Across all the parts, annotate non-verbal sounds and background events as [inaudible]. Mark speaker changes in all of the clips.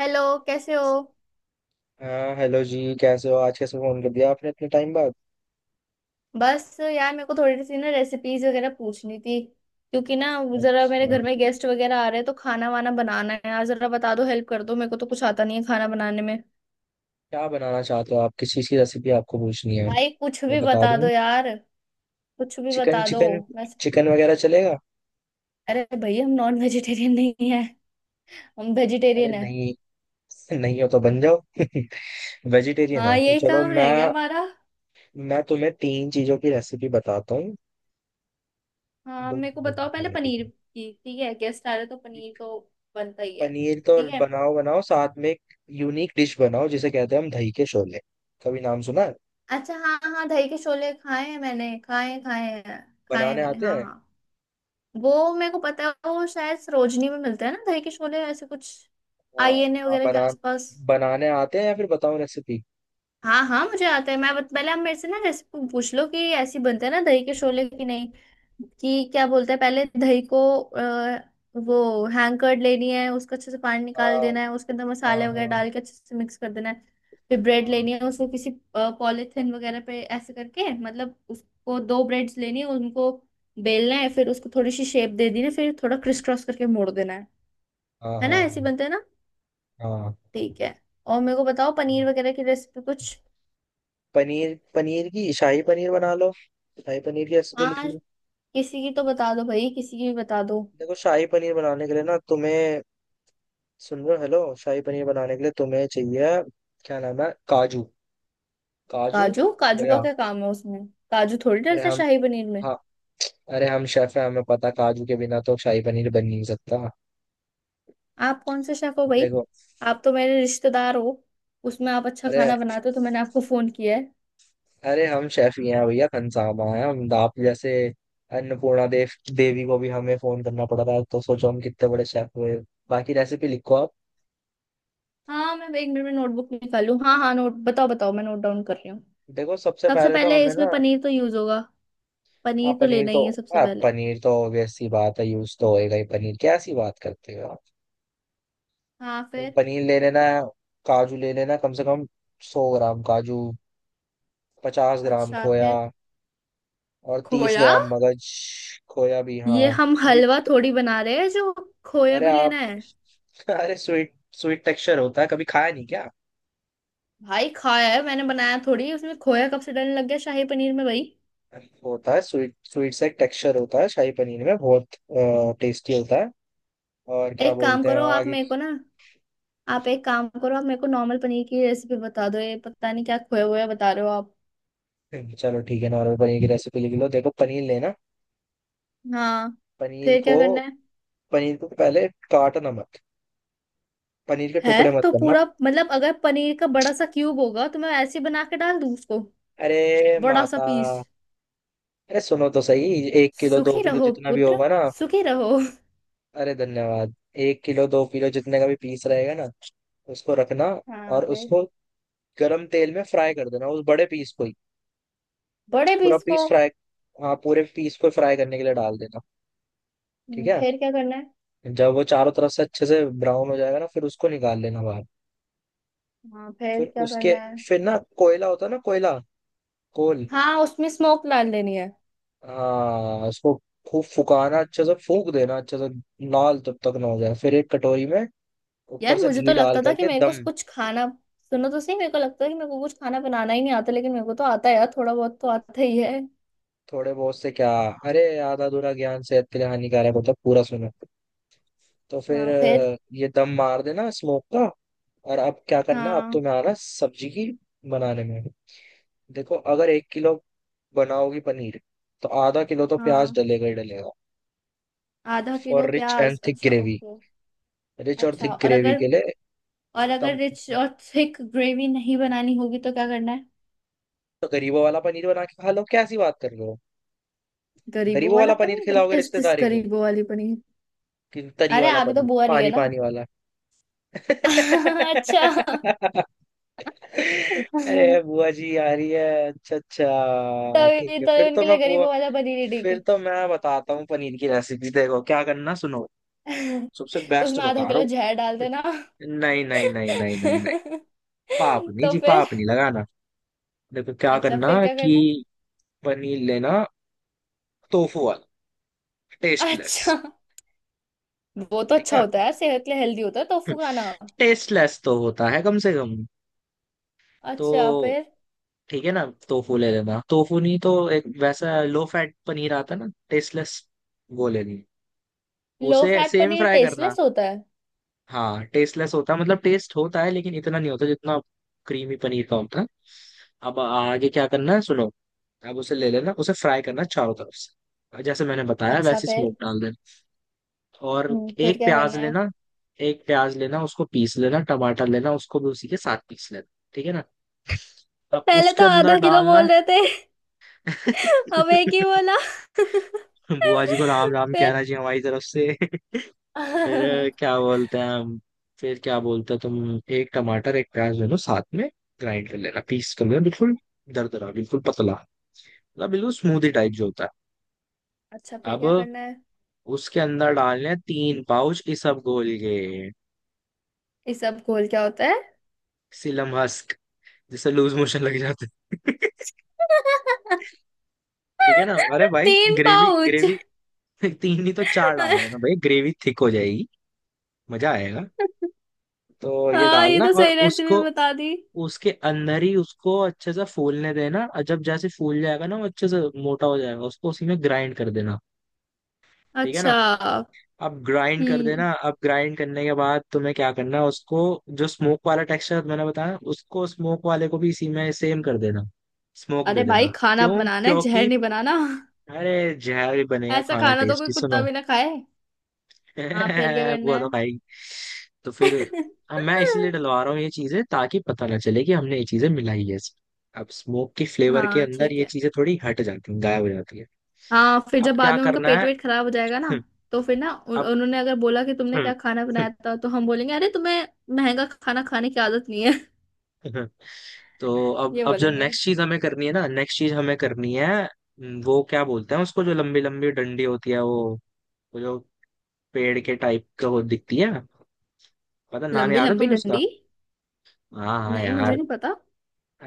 Speaker 1: Hello. कैसे हो?
Speaker 2: हाँ हेलो जी, कैसे हो। आज कैसे फोन कर दिया आपने इतने टाइम बाद।
Speaker 1: बस यार, मेरे को थोड़ी सी ना रेसिपीज वगैरह पूछनी थी, क्योंकि ना जरा मेरे
Speaker 2: अच्छा,
Speaker 1: घर में गेस्ट वगैरह आ रहे हैं तो खाना वाना बनाना है। यार जरा बता दो, हेल्प कर दो। मेरे को तो कुछ आता नहीं है खाना बनाने में।
Speaker 2: क्या बनाना चाहते हो आप, किस चीज़ की रेसिपी आपको पूछनी है।
Speaker 1: भाई कुछ
Speaker 2: मैं
Speaker 1: भी
Speaker 2: बता
Speaker 1: बता
Speaker 2: दूं,
Speaker 1: दो यार, कुछ भी
Speaker 2: चिकन
Speaker 1: बता दो।
Speaker 2: चिकन
Speaker 1: मैं
Speaker 2: चिकन वगैरह चलेगा।
Speaker 1: अरे भाई, हम नॉन वेजिटेरियन नहीं है। हम
Speaker 2: अरे
Speaker 1: वेजिटेरियन है।
Speaker 2: नहीं। [laughs] नहीं हो तो बन जाओ। [laughs] वेजिटेरियन
Speaker 1: हाँ,
Speaker 2: है तो
Speaker 1: यही
Speaker 2: चलो,
Speaker 1: काम रह गया हमारा।
Speaker 2: मैं तुम्हें तीन चीज़ों की रेसिपी बताता हूँ।
Speaker 1: हाँ,
Speaker 2: दो
Speaker 1: मेरे को
Speaker 2: चीज़ों
Speaker 1: बताओ।
Speaker 2: की
Speaker 1: पहले
Speaker 2: है अभी तो।
Speaker 1: पनीर की, ठीक है? गेस्ट आ रहे हैं तो पनीर
Speaker 2: एक
Speaker 1: तो बनता ही है।
Speaker 2: पनीर तो
Speaker 1: ठीक है।
Speaker 2: बनाओ बनाओ, साथ में एक यूनिक डिश बनाओ जिसे कहते हैं हम दही के शोले। कभी नाम सुना है।
Speaker 1: अच्छा, हाँ हाँ, दही के शोले खाए हैं। मैंने खाए हैं, खाए हैं, खाए हैं
Speaker 2: बनाने
Speaker 1: मैंने,
Speaker 2: आते
Speaker 1: हाँ
Speaker 2: हैं,
Speaker 1: हाँ। वो मेरे को पता है। वो शायद सरोजनी में मिलता है ना, दही के शोले, ऐसे कुछ
Speaker 2: हाँ
Speaker 1: आईएनए
Speaker 2: हाँ।
Speaker 1: वगैरह के
Speaker 2: बना
Speaker 1: आसपास।
Speaker 2: बनाने आते हैं या फिर बताओ रेसिपी।
Speaker 1: हाँ हाँ, मुझे आता है। पहले आप मेरे से ना रेसिपी पूछ लो कि ऐसी बनते हैं ना दही के शोले की नहीं। कि क्या बोलते हैं, पहले दही को वो हैंग कर लेनी है, उसका अच्छे से पानी निकाल
Speaker 2: हाँ
Speaker 1: देना है, उसके अंदर
Speaker 2: हाँ।
Speaker 1: मसाले वगैरह
Speaker 2: हाँ
Speaker 1: डाल के अच्छे से मिक्स कर देना है। फिर ब्रेड लेनी है, उसको किसी पॉलिथिन वगैरह पे ऐसे करके मतलब उसको दो ब्रेड्स लेनी है, उनको बेलना है, फिर उसको थोड़ी सी शेप दे देनी है, फिर थोड़ा क्रिस क्रॉस करके मोड़ देना है।
Speaker 2: हाँ।
Speaker 1: है ना,
Speaker 2: हाँ
Speaker 1: ऐसे बनते हैं ना?
Speaker 2: हाँ। हाँ।
Speaker 1: ठीक है। और मेरे को बताओ पनीर वगैरह की रेसिपी कुछ।
Speaker 2: पनीर पनीर की शाही पनीर बना लो। शाही पनीर की रेसिपी लिख
Speaker 1: हाँ,
Speaker 2: लो।
Speaker 1: किसी की तो बता दो भाई, किसी की भी बता दो।
Speaker 2: देखो, शाही पनीर बनाने के लिए ना तुम्हें, सुन रहे हो, हेलो, शाही पनीर बनाने के लिए तुम्हें चाहिए क्या नाम है, काजू। काजू,
Speaker 1: काजू? काजू
Speaker 2: खोया।
Speaker 1: का क्या काम है उसमें? काजू थोड़ी
Speaker 2: अरे
Speaker 1: डलता है
Speaker 2: हम
Speaker 1: शाही पनीर में।
Speaker 2: हाँ अरे हम शेफ हैं, हमें पता काजू के बिना तो शाही पनीर बन नहीं सकता।
Speaker 1: आप कौन से शेफ हो भाई?
Speaker 2: देखो
Speaker 1: आप तो मेरे रिश्तेदार हो। उसमें आप अच्छा
Speaker 2: अरे,
Speaker 1: खाना बनाते हो तो मैंने आपको फोन किया है।
Speaker 2: अरे हम शेफ ही हैं भैया, खनसामा है हम। आप जैसे अन्नपूर्णा देवी को भी हमें फोन करना पड़ रहा है तो सोचो हम कितने बड़े शेफ हुए। बाकी रेसिपी लिखो आप।
Speaker 1: हाँ, मैं एक मिनट में नोटबुक निकालूं। हाँ हाँ, नोट, बताओ बताओ, मैं नोट डाउन कर रही हूँ।
Speaker 2: देखो, सबसे
Speaker 1: सबसे
Speaker 2: पहले तो
Speaker 1: पहले
Speaker 2: हमें
Speaker 1: इसमें
Speaker 2: ना,
Speaker 1: पनीर तो यूज होगा। पनीर
Speaker 2: आप
Speaker 1: तो
Speaker 2: पनीर
Speaker 1: लेना
Speaker 2: तो
Speaker 1: ही है सबसे
Speaker 2: आप
Speaker 1: पहले।
Speaker 2: पनीर तो ऑब्वियस सी बात है, यूज तो होएगा ही पनीर, कैसी बात करते हो आप।
Speaker 1: हाँ, फिर?
Speaker 2: पनीर ले लेना, काजू ले लेना, कम से कम 100 ग्राम काजू, 50 ग्राम
Speaker 1: अच्छा,
Speaker 2: खोया,
Speaker 1: फिर?
Speaker 2: और तीस
Speaker 1: खोया?
Speaker 2: ग्राम मगज। खोया भी,
Speaker 1: ये
Speaker 2: हाँ।
Speaker 1: हम हलवा थोड़ी बना रहे हैं जो खोया
Speaker 2: अरे
Speaker 1: भी
Speaker 2: आप
Speaker 1: लेना है।
Speaker 2: [laughs] अरे स्वीट स्वीट टेक्सचर होता है, कभी खाया नहीं क्या।
Speaker 1: भाई खाया है मैंने, बनाया थोड़ी। उसमें खोया कब से डलने लग गया शाही पनीर में भाई?
Speaker 2: वो होता है स्वीट स्वीट सा एक टेक्सचर होता है शाही पनीर में, बहुत टेस्टी होता है। और क्या
Speaker 1: एक काम
Speaker 2: बोलते हैं
Speaker 1: करो, आप
Speaker 2: आगे।
Speaker 1: मेरे को ना, आप एक काम करो, आप मेरे को नॉर्मल पनीर की रेसिपी बता दो। ये पता नहीं क्या खोया हुआ बता रहे हो आप।
Speaker 2: चलो ठीक है, नॉर्मल पनीर की रेसिपी लिख लो। देखो, पनीर लेना,
Speaker 1: हाँ,
Speaker 2: पनीर
Speaker 1: फिर
Speaker 2: को
Speaker 1: क्या करना है?
Speaker 2: पनीर को पहले काटना मत, पनीर के
Speaker 1: है
Speaker 2: टुकड़े मत
Speaker 1: तो
Speaker 2: करना।
Speaker 1: पूरा, मतलब अगर पनीर का बड़ा सा क्यूब होगा तो मैं ऐसे ही बना के डाल दूं उसको,
Speaker 2: अरे
Speaker 1: बड़ा सा
Speaker 2: माता,
Speaker 1: पीस?
Speaker 2: अरे सुनो तो सही, 1 किलो दो
Speaker 1: सुखी
Speaker 2: किलो
Speaker 1: रहो
Speaker 2: जितना भी
Speaker 1: पुत्र,
Speaker 2: होगा ना।
Speaker 1: सुखी रहो।
Speaker 2: अरे धन्यवाद। एक किलो दो किलो जितने का भी पीस रहेगा ना उसको रखना,
Speaker 1: हाँ,
Speaker 2: और
Speaker 1: फिर?
Speaker 2: उसको गरम तेल में फ्राई कर देना, उस बड़े पीस को ही।
Speaker 1: बड़े
Speaker 2: पूरा
Speaker 1: पीस को?
Speaker 2: पीस फ्राई, हाँ, पूरे पीस को फ्राई करने के लिए डाल देना। ठीक है।
Speaker 1: फिर क्या करना है?
Speaker 2: जब वो चारों तरफ से अच्छे से ब्राउन हो जाएगा ना फिर उसको निकाल लेना बाहर।
Speaker 1: हाँ, फिर
Speaker 2: फिर
Speaker 1: क्या
Speaker 2: उसके
Speaker 1: करना है?
Speaker 2: फिर ना कोयला होता है ना, कोयला, कोल।
Speaker 1: हाँ, उसमें स्मोक डाल देनी है।
Speaker 2: हाँ, उसको खूब फुकाना, अच्छे से फूक देना, अच्छे से लाल तब तक ना हो जाए, फिर एक कटोरी में ऊपर
Speaker 1: यार
Speaker 2: से
Speaker 1: मुझे
Speaker 2: घी
Speaker 1: तो
Speaker 2: डाल
Speaker 1: लगता था कि
Speaker 2: करके
Speaker 1: मेरे को
Speaker 2: दम।
Speaker 1: कुछ खाना, सुनो तो सही, मेरे को लगता था कि मेरे को कुछ खाना बनाना ही नहीं आता, लेकिन मेरे को तो आता है यार, थोड़ा बहुत तो आता ही है।
Speaker 2: थोड़े बहुत से क्या, अरे आधा अधूरा ज्ञान सेहत के लिए हानिकारक होता है, पूरा सुनो। तो फिर
Speaker 1: हाँ, फिर?
Speaker 2: ये दम मार देना स्मोक का। और अब क्या करना, अब
Speaker 1: हाँ
Speaker 2: तुम्हें आना सब्जी की बनाने में। देखो, अगर 1 किलो बनाओगी पनीर, तो आधा किलो तो प्याज
Speaker 1: हाँ,
Speaker 2: डलेगा ही डलेगा।
Speaker 1: आधा किलो
Speaker 2: फॉर रिच एंड
Speaker 1: प्याज,
Speaker 2: थिक
Speaker 1: अच्छा,
Speaker 2: ग्रेवी।
Speaker 1: ओके।
Speaker 2: रिच और
Speaker 1: अच्छा,
Speaker 2: थिक
Speaker 1: और
Speaker 2: ग्रेवी
Speaker 1: अगर
Speaker 2: के लिए।
Speaker 1: और अगर
Speaker 2: तम
Speaker 1: रिच और थिक ग्रेवी नहीं बनानी होगी तो क्या करना है?
Speaker 2: तो गरीबों वाला पनीर बना के खा लो, कैसी बात कर रहे हो।
Speaker 1: गरीबों
Speaker 2: गरीबों
Speaker 1: वाला
Speaker 2: वाला पनीर
Speaker 1: पनीर? व्हाट
Speaker 2: खिलाओगे
Speaker 1: इज दिस
Speaker 2: रिश्तेदारी को,
Speaker 1: गरीबों वाली पनीर?
Speaker 2: कि तरी
Speaker 1: अरे
Speaker 2: वाला
Speaker 1: आप ही तो
Speaker 2: पनीर,
Speaker 1: बुआ रही है
Speaker 2: पानी
Speaker 1: ना?
Speaker 2: पानी वाला।
Speaker 1: [laughs] अच्छा।
Speaker 2: [laughs] अरे बुआ जी आ रही है। अच्छा अच्छा ठीक
Speaker 1: तभी
Speaker 2: है,
Speaker 1: तभी उनके लिए गरीबों वाला पनीर ही ठीक है।
Speaker 2: फिर तो मैं बताता हूँ पनीर की रेसिपी, देखो क्या करना, सुनो। सबसे बेस्ट
Speaker 1: उसमें आधा
Speaker 2: बता रहा
Speaker 1: किलो
Speaker 2: हूँ।
Speaker 1: जहर डाल देना।
Speaker 2: नहीं नहीं नहीं नहीं नहीं नहीं, पाप नहीं
Speaker 1: तो
Speaker 2: जी,
Speaker 1: फिर?
Speaker 2: पाप नहीं लगाना। देखो क्या
Speaker 1: अच्छा,
Speaker 2: करना,
Speaker 1: फिर क्या करना है?
Speaker 2: कि पनीर लेना, टोफू वाला, टेस्टलेस।
Speaker 1: अच्छा। वो तो
Speaker 2: ठीक
Speaker 1: अच्छा
Speaker 2: है।
Speaker 1: होता है यार, सेहत के लिए हेल्दी होता है टोफू
Speaker 2: [laughs]
Speaker 1: खाना।
Speaker 2: टेस्टलेस तो होता है कम से कम।
Speaker 1: अच्छा,
Speaker 2: तो
Speaker 1: फिर?
Speaker 2: ठीक है ना, टोफू ले लेना, टोफू नहीं तो एक वैसा लो फैट पनीर आता है ना टेस्टलेस, वो लेनी।
Speaker 1: लो
Speaker 2: उसे
Speaker 1: फैट
Speaker 2: सेम
Speaker 1: पनीर
Speaker 2: फ्राई करना।
Speaker 1: टेस्टलेस होता है?
Speaker 2: हाँ, टेस्टलेस होता है, मतलब टेस्ट होता है लेकिन इतना नहीं होता जितना क्रीमी पनीर का होता है। अब आगे क्या करना है सुनो। अब उसे ले लेना, उसे फ्राई करना चारों तरफ से जैसे मैंने बताया,
Speaker 1: अच्छा,
Speaker 2: वैसे
Speaker 1: फिर?
Speaker 2: स्मोक डाल देना। और
Speaker 1: फिर
Speaker 2: एक
Speaker 1: क्या
Speaker 2: प्याज
Speaker 1: करना है?
Speaker 2: लेना, एक प्याज लेना, उसको पीस लेना, टमाटर लेना, उसको भी उसी के साथ पीस लेना। ठीक है ना। अब
Speaker 1: पहले तो
Speaker 2: उसके अंदर
Speaker 1: आधा किलो
Speaker 2: डालना
Speaker 1: बोल रहे थे,
Speaker 2: है।
Speaker 1: अब एक ही
Speaker 2: [laughs]
Speaker 1: बोला।
Speaker 2: बुआ जी को राम राम
Speaker 1: फिर?
Speaker 2: कहना चाहिए हमारी तरफ से। [laughs] फिर
Speaker 1: अच्छा,
Speaker 2: क्या बोलते हैं हम, फिर क्या बोलते हैं, तुम एक टमाटर एक प्याज ले लो साथ में, ग्राइंड कर लेना, पीस कर लेना बिल्कुल, दरदरा बिल्कुल पतला, मतलब बिल्कुल स्मूदी टाइप जो होता है।
Speaker 1: फिर क्या
Speaker 2: अब
Speaker 1: करना है?
Speaker 2: उसके अंदर डालने हैं 3 पाउच इसबगोल के।
Speaker 1: इस सब घोल क्या होता है?
Speaker 2: सिलम हस्क, जिससे लूज मोशन लग जाते हैं। [laughs] ठीक है ना, अरे भाई
Speaker 1: तीन
Speaker 2: ग्रेवी
Speaker 1: पाउच?
Speaker 2: ग्रेवी। [laughs] तीन नहीं तो चार डाल देना
Speaker 1: [laughs]
Speaker 2: भाई, ग्रेवी थिक हो जाएगी, मजा आएगा। तो ये
Speaker 1: हाँ, ये
Speaker 2: डालना
Speaker 1: तो
Speaker 2: और
Speaker 1: सही रेसिपी
Speaker 2: उसको,
Speaker 1: बता दी।
Speaker 2: उसके अंदर ही उसको अच्छे से फूलने देना, और जब जैसे फूल जाएगा ना वो अच्छे से मोटा हो जाएगा, उसको उसी में ग्राइंड कर देना। ठीक है ना।
Speaker 1: अच्छा।
Speaker 2: अब ग्राइंड कर
Speaker 1: हम्म
Speaker 2: देना, अब ग्राइंड करने के बाद तुम्हें क्या करना है उसको, जो स्मोक वाला टेक्सचर मैंने बताया उसको, स्मोक वाले को भी इसी में सेम कर देना, स्मोक
Speaker 1: अरे
Speaker 2: दे
Speaker 1: भाई,
Speaker 2: देना।
Speaker 1: खाना
Speaker 2: क्यों
Speaker 1: बनाना है, जहर
Speaker 2: क्योंकि,
Speaker 1: नहीं बनाना।
Speaker 2: अरे, जहर ही बनेगा,
Speaker 1: ऐसा
Speaker 2: खाना
Speaker 1: खाना तो कोई
Speaker 2: टेस्टी,
Speaker 1: कुत्ता
Speaker 2: सुनो।
Speaker 1: भी ना खाए। हाँ, फिर क्या
Speaker 2: [laughs]
Speaker 1: करना
Speaker 2: हुआ
Speaker 1: है?
Speaker 2: था भाई। तो फिर
Speaker 1: [laughs]
Speaker 2: अब मैं इसलिए डलवा रहा हूँ ये चीजें, ताकि पता ना चले कि हमने ये चीजें मिलाई है। अब स्मोक की फ्लेवर के
Speaker 1: हाँ
Speaker 2: अंदर
Speaker 1: ठीक
Speaker 2: ये
Speaker 1: है।
Speaker 2: चीजें थोड़ी हट जाती हैं, गायब हो जाती है।
Speaker 1: हाँ, फिर
Speaker 2: अब
Speaker 1: जब बाद
Speaker 2: क्या
Speaker 1: में उनका
Speaker 2: करना
Speaker 1: पेट
Speaker 2: है।
Speaker 1: वेट खराब हो जाएगा ना,
Speaker 2: [laughs]
Speaker 1: तो फिर ना
Speaker 2: अब,
Speaker 1: उन्होंने अगर बोला कि तुमने क्या खाना बनाया था तो हम बोलेंगे अरे, तुम्हें महंगा खाना खाने की आदत नहीं है।
Speaker 2: [laughs] तो
Speaker 1: [laughs]
Speaker 2: अब
Speaker 1: ये
Speaker 2: अब जो
Speaker 1: बोलेंगे।
Speaker 2: नेक्स्ट चीज हमें करनी है ना, नेक्स्ट चीज हमें करनी है, वो क्या बोलते हैं उसको, जो लंबी लंबी डंडी होती है वो जो पेड़ के टाइप का वो दिखती है, पता नाम
Speaker 1: लंबी
Speaker 2: याद है
Speaker 1: लंबी
Speaker 2: तुम्हें उसका।
Speaker 1: डंडी?
Speaker 2: हाँ हाँ
Speaker 1: नहीं, मुझे
Speaker 2: यार,
Speaker 1: नहीं पता।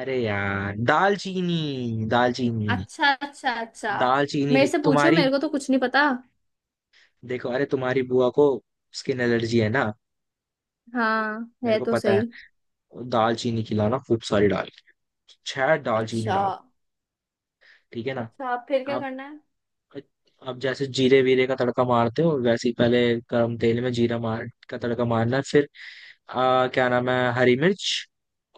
Speaker 2: अरे यार दालचीनी, दालचीनी।
Speaker 1: अच्छा, अच्छा, अच्छा।
Speaker 2: दालचीनी
Speaker 1: मेरे से पूछो,
Speaker 2: तुम्हारी,
Speaker 1: मेरे को तो कुछ नहीं पता।
Speaker 2: देखो, अरे तुम्हारी बुआ को स्किन एलर्जी है ना,
Speaker 1: हाँ,
Speaker 2: मेरे
Speaker 1: है
Speaker 2: को
Speaker 1: तो
Speaker 2: पता है,
Speaker 1: सही।
Speaker 2: दालचीनी खिलाना खूब सारी डाल के, छह दालचीनी
Speaker 1: अच्छा।
Speaker 2: डाल। ठीक है ना।
Speaker 1: अच्छा, फिर क्या
Speaker 2: अब
Speaker 1: करना है?
Speaker 2: अब जैसे जीरे वीरे का तड़का मारते हो वैसे ही, पहले गरम तेल में जीरा मार का तड़का मारना है, फिर क्या नाम है, हरी मिर्च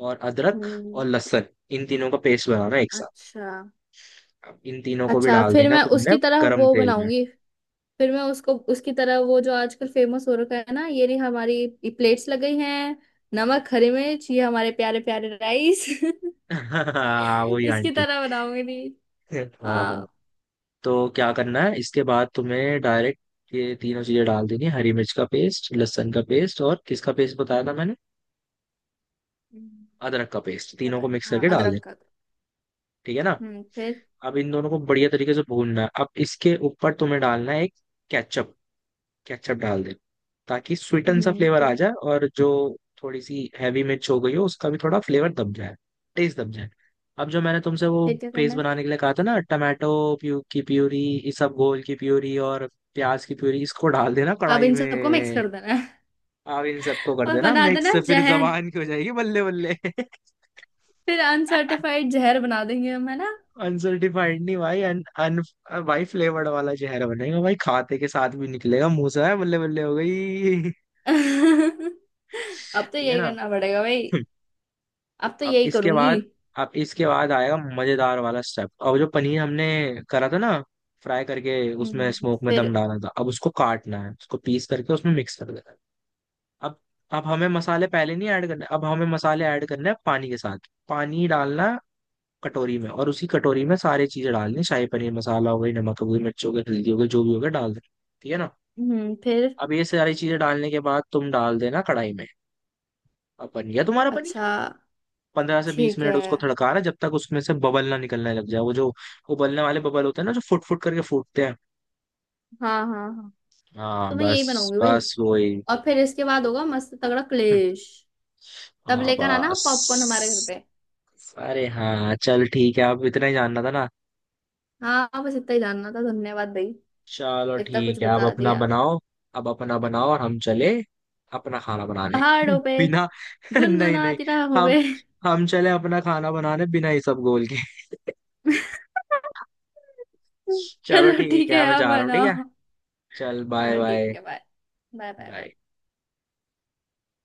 Speaker 2: और अदरक
Speaker 1: हम्म।
Speaker 2: और लहसुन, इन तीनों का पेस्ट बनाना है एक साथ।
Speaker 1: अच्छा।
Speaker 2: अब इन तीनों को भी
Speaker 1: अच्छा,
Speaker 2: डाल
Speaker 1: फिर
Speaker 2: देना
Speaker 1: मैं
Speaker 2: तुमने
Speaker 1: उसकी तरह
Speaker 2: गरम
Speaker 1: वो
Speaker 2: तेल में।
Speaker 1: बनाऊंगी। फिर मैं उसको उसकी तरह, वो जो आजकल फेमस हो रखा है ना, ये रही हमारी, प्लेट्स लग गई हैं, नमक हरी मिर्च, ये हमारे प्यारे प्यारे राइस।
Speaker 2: [laughs] हाँ,
Speaker 1: [laughs]
Speaker 2: वही
Speaker 1: इसकी
Speaker 2: आंटी।
Speaker 1: तरह बनाऊंगी नहीं।
Speaker 2: हाँ। हाँ।
Speaker 1: हाँ।
Speaker 2: तो क्या करना है इसके बाद तुम्हें, डायरेक्ट ये तीनों चीजें डाल देनी है, हरी मिर्च का पेस्ट, लहसुन का पेस्ट, और किसका पेस्ट बताया था मैंने,
Speaker 1: हम्म,
Speaker 2: अदरक का पेस्ट, तीनों
Speaker 1: पता
Speaker 2: को
Speaker 1: है,
Speaker 2: मिक्स
Speaker 1: हाँ,
Speaker 2: करके डाल
Speaker 1: अदरक
Speaker 2: देना।
Speaker 1: का।
Speaker 2: ठीक है ना।
Speaker 1: फिर?
Speaker 2: अब इन दोनों को बढ़िया तरीके से भूनना है, अब इसके ऊपर तुम्हें डालना है एक केचप, केचप डाल दे, ताकि स्वीटन सा फ्लेवर
Speaker 1: फिर?
Speaker 2: आ जाए, और जो थोड़ी सी हैवी मिर्च हो गई हो उसका भी थोड़ा फ्लेवर दब जाए, टेस्ट दब जाए। अब जो मैंने तुमसे वो
Speaker 1: फिर क्या करना
Speaker 2: पेस्ट
Speaker 1: है?
Speaker 2: बनाने के लिए कहा था ना, टमाटो प्यू की प्यूरी, इसबगोल की प्यूरी, और प्याज की प्यूरी, इसको डाल देना
Speaker 1: अब
Speaker 2: कढ़ाई
Speaker 1: इन सबको मिक्स
Speaker 2: में।
Speaker 1: कर देना है।
Speaker 2: अब इन सबको
Speaker 1: [laughs]
Speaker 2: कर
Speaker 1: और
Speaker 2: देना
Speaker 1: बना
Speaker 2: मिक्स,
Speaker 1: देना
Speaker 2: फिर
Speaker 1: जहर।
Speaker 2: जबान की हो जाएगी बल्ले बल्ले।
Speaker 1: फिर
Speaker 2: [laughs]
Speaker 1: अनसर्टिफाइड जहर बना देंगे हम, है ना?
Speaker 2: अनसर्टिफाइड नहीं भाई, अन, अन भाई फ्लेवर्ड वाला जहर बनेगा भाई, खाते के साथ भी निकलेगा मुंह से, है बल्ले बल्ले हो गई। [laughs]
Speaker 1: [laughs] अब तो
Speaker 2: ठीक है
Speaker 1: यही
Speaker 2: ना।
Speaker 1: करना पड़ेगा भाई। अब तो
Speaker 2: अब
Speaker 1: यही
Speaker 2: इसके
Speaker 1: करूंगी।
Speaker 2: बाद, अब इसके बाद आएगा मजेदार वाला स्टेप, अब जो पनीर हमने करा था ना, फ्राई करके उसमें स्मोक में
Speaker 1: फिर?
Speaker 2: दम डाला था, अब उसको काटना है, उसको पीस करके उसमें मिक्स कर देना है। अब अब हमें मसाले पहले नहीं ऐड करने, अब हमें मसाले ऐड करने हैं पानी के साथ, पानी डालना है कटोरी में, और उसी कटोरी में सारी चीजें डालनी, शाही पनीर मसाला हो गई, नमक हो गई, मिर्च हो गई, हल्दी हो गई, जो भी हो गया डाल देना। ठीक है ना।
Speaker 1: फिर?
Speaker 2: अब ये सारी चीजें डालने के बाद तुम डाल देना कढ़ाई में, अब बन गया तुम्हारा पनीर।
Speaker 1: अच्छा,
Speaker 2: पंद्रह से बीस
Speaker 1: ठीक
Speaker 2: मिनट
Speaker 1: है।
Speaker 2: उसको थड़का रहा है, जब तक उसमें से बबल ना निकलने लग जाए, वो जो उबलने वाले बबल होते हैं ना जो फुट फुट करके फूटते हैं।
Speaker 1: हाँ हाँ हाँ। तो
Speaker 2: हाँ
Speaker 1: मैं
Speaker 2: बस
Speaker 1: यही बनाऊंगी भाई,
Speaker 2: बस वही।
Speaker 1: और फिर इसके बाद होगा मस्त तगड़ा
Speaker 2: हम्म,
Speaker 1: क्लेश। तब
Speaker 2: हाँ
Speaker 1: लेकर आना पॉपकॉर्न हमारे घर
Speaker 2: बस।
Speaker 1: पे।
Speaker 2: अरे हाँ, चल ठीक है, अब इतना ही जानना था ना।
Speaker 1: हाँ, बस इतना ही जानना था, धन्यवाद भाई।
Speaker 2: चलो
Speaker 1: इतना कुछ
Speaker 2: ठीक है, अब
Speaker 1: बता
Speaker 2: अपना
Speaker 1: दिया।
Speaker 2: बनाओ, अब अपना बनाओ, और हम चले अपना खाना बनाने
Speaker 1: पहाड़ों पे
Speaker 2: बिना, [laughs] नहीं नहीं,
Speaker 1: गुनगुनाती रहा हूँ
Speaker 2: हम
Speaker 1: बे।
Speaker 2: हम चले अपना खाना बनाने बिना ये सब गोल के।
Speaker 1: [laughs]
Speaker 2: [laughs] चलो
Speaker 1: चलो
Speaker 2: ठीक
Speaker 1: ठीक
Speaker 2: है,
Speaker 1: है,
Speaker 2: मैं
Speaker 1: आप
Speaker 2: जा रहा हूँ, ठीक है।
Speaker 1: बनाओ।
Speaker 2: चल बाय
Speaker 1: हाँ ठीक
Speaker 2: बाय
Speaker 1: है, bye. Bye bye
Speaker 2: bye.
Speaker 1: Bye.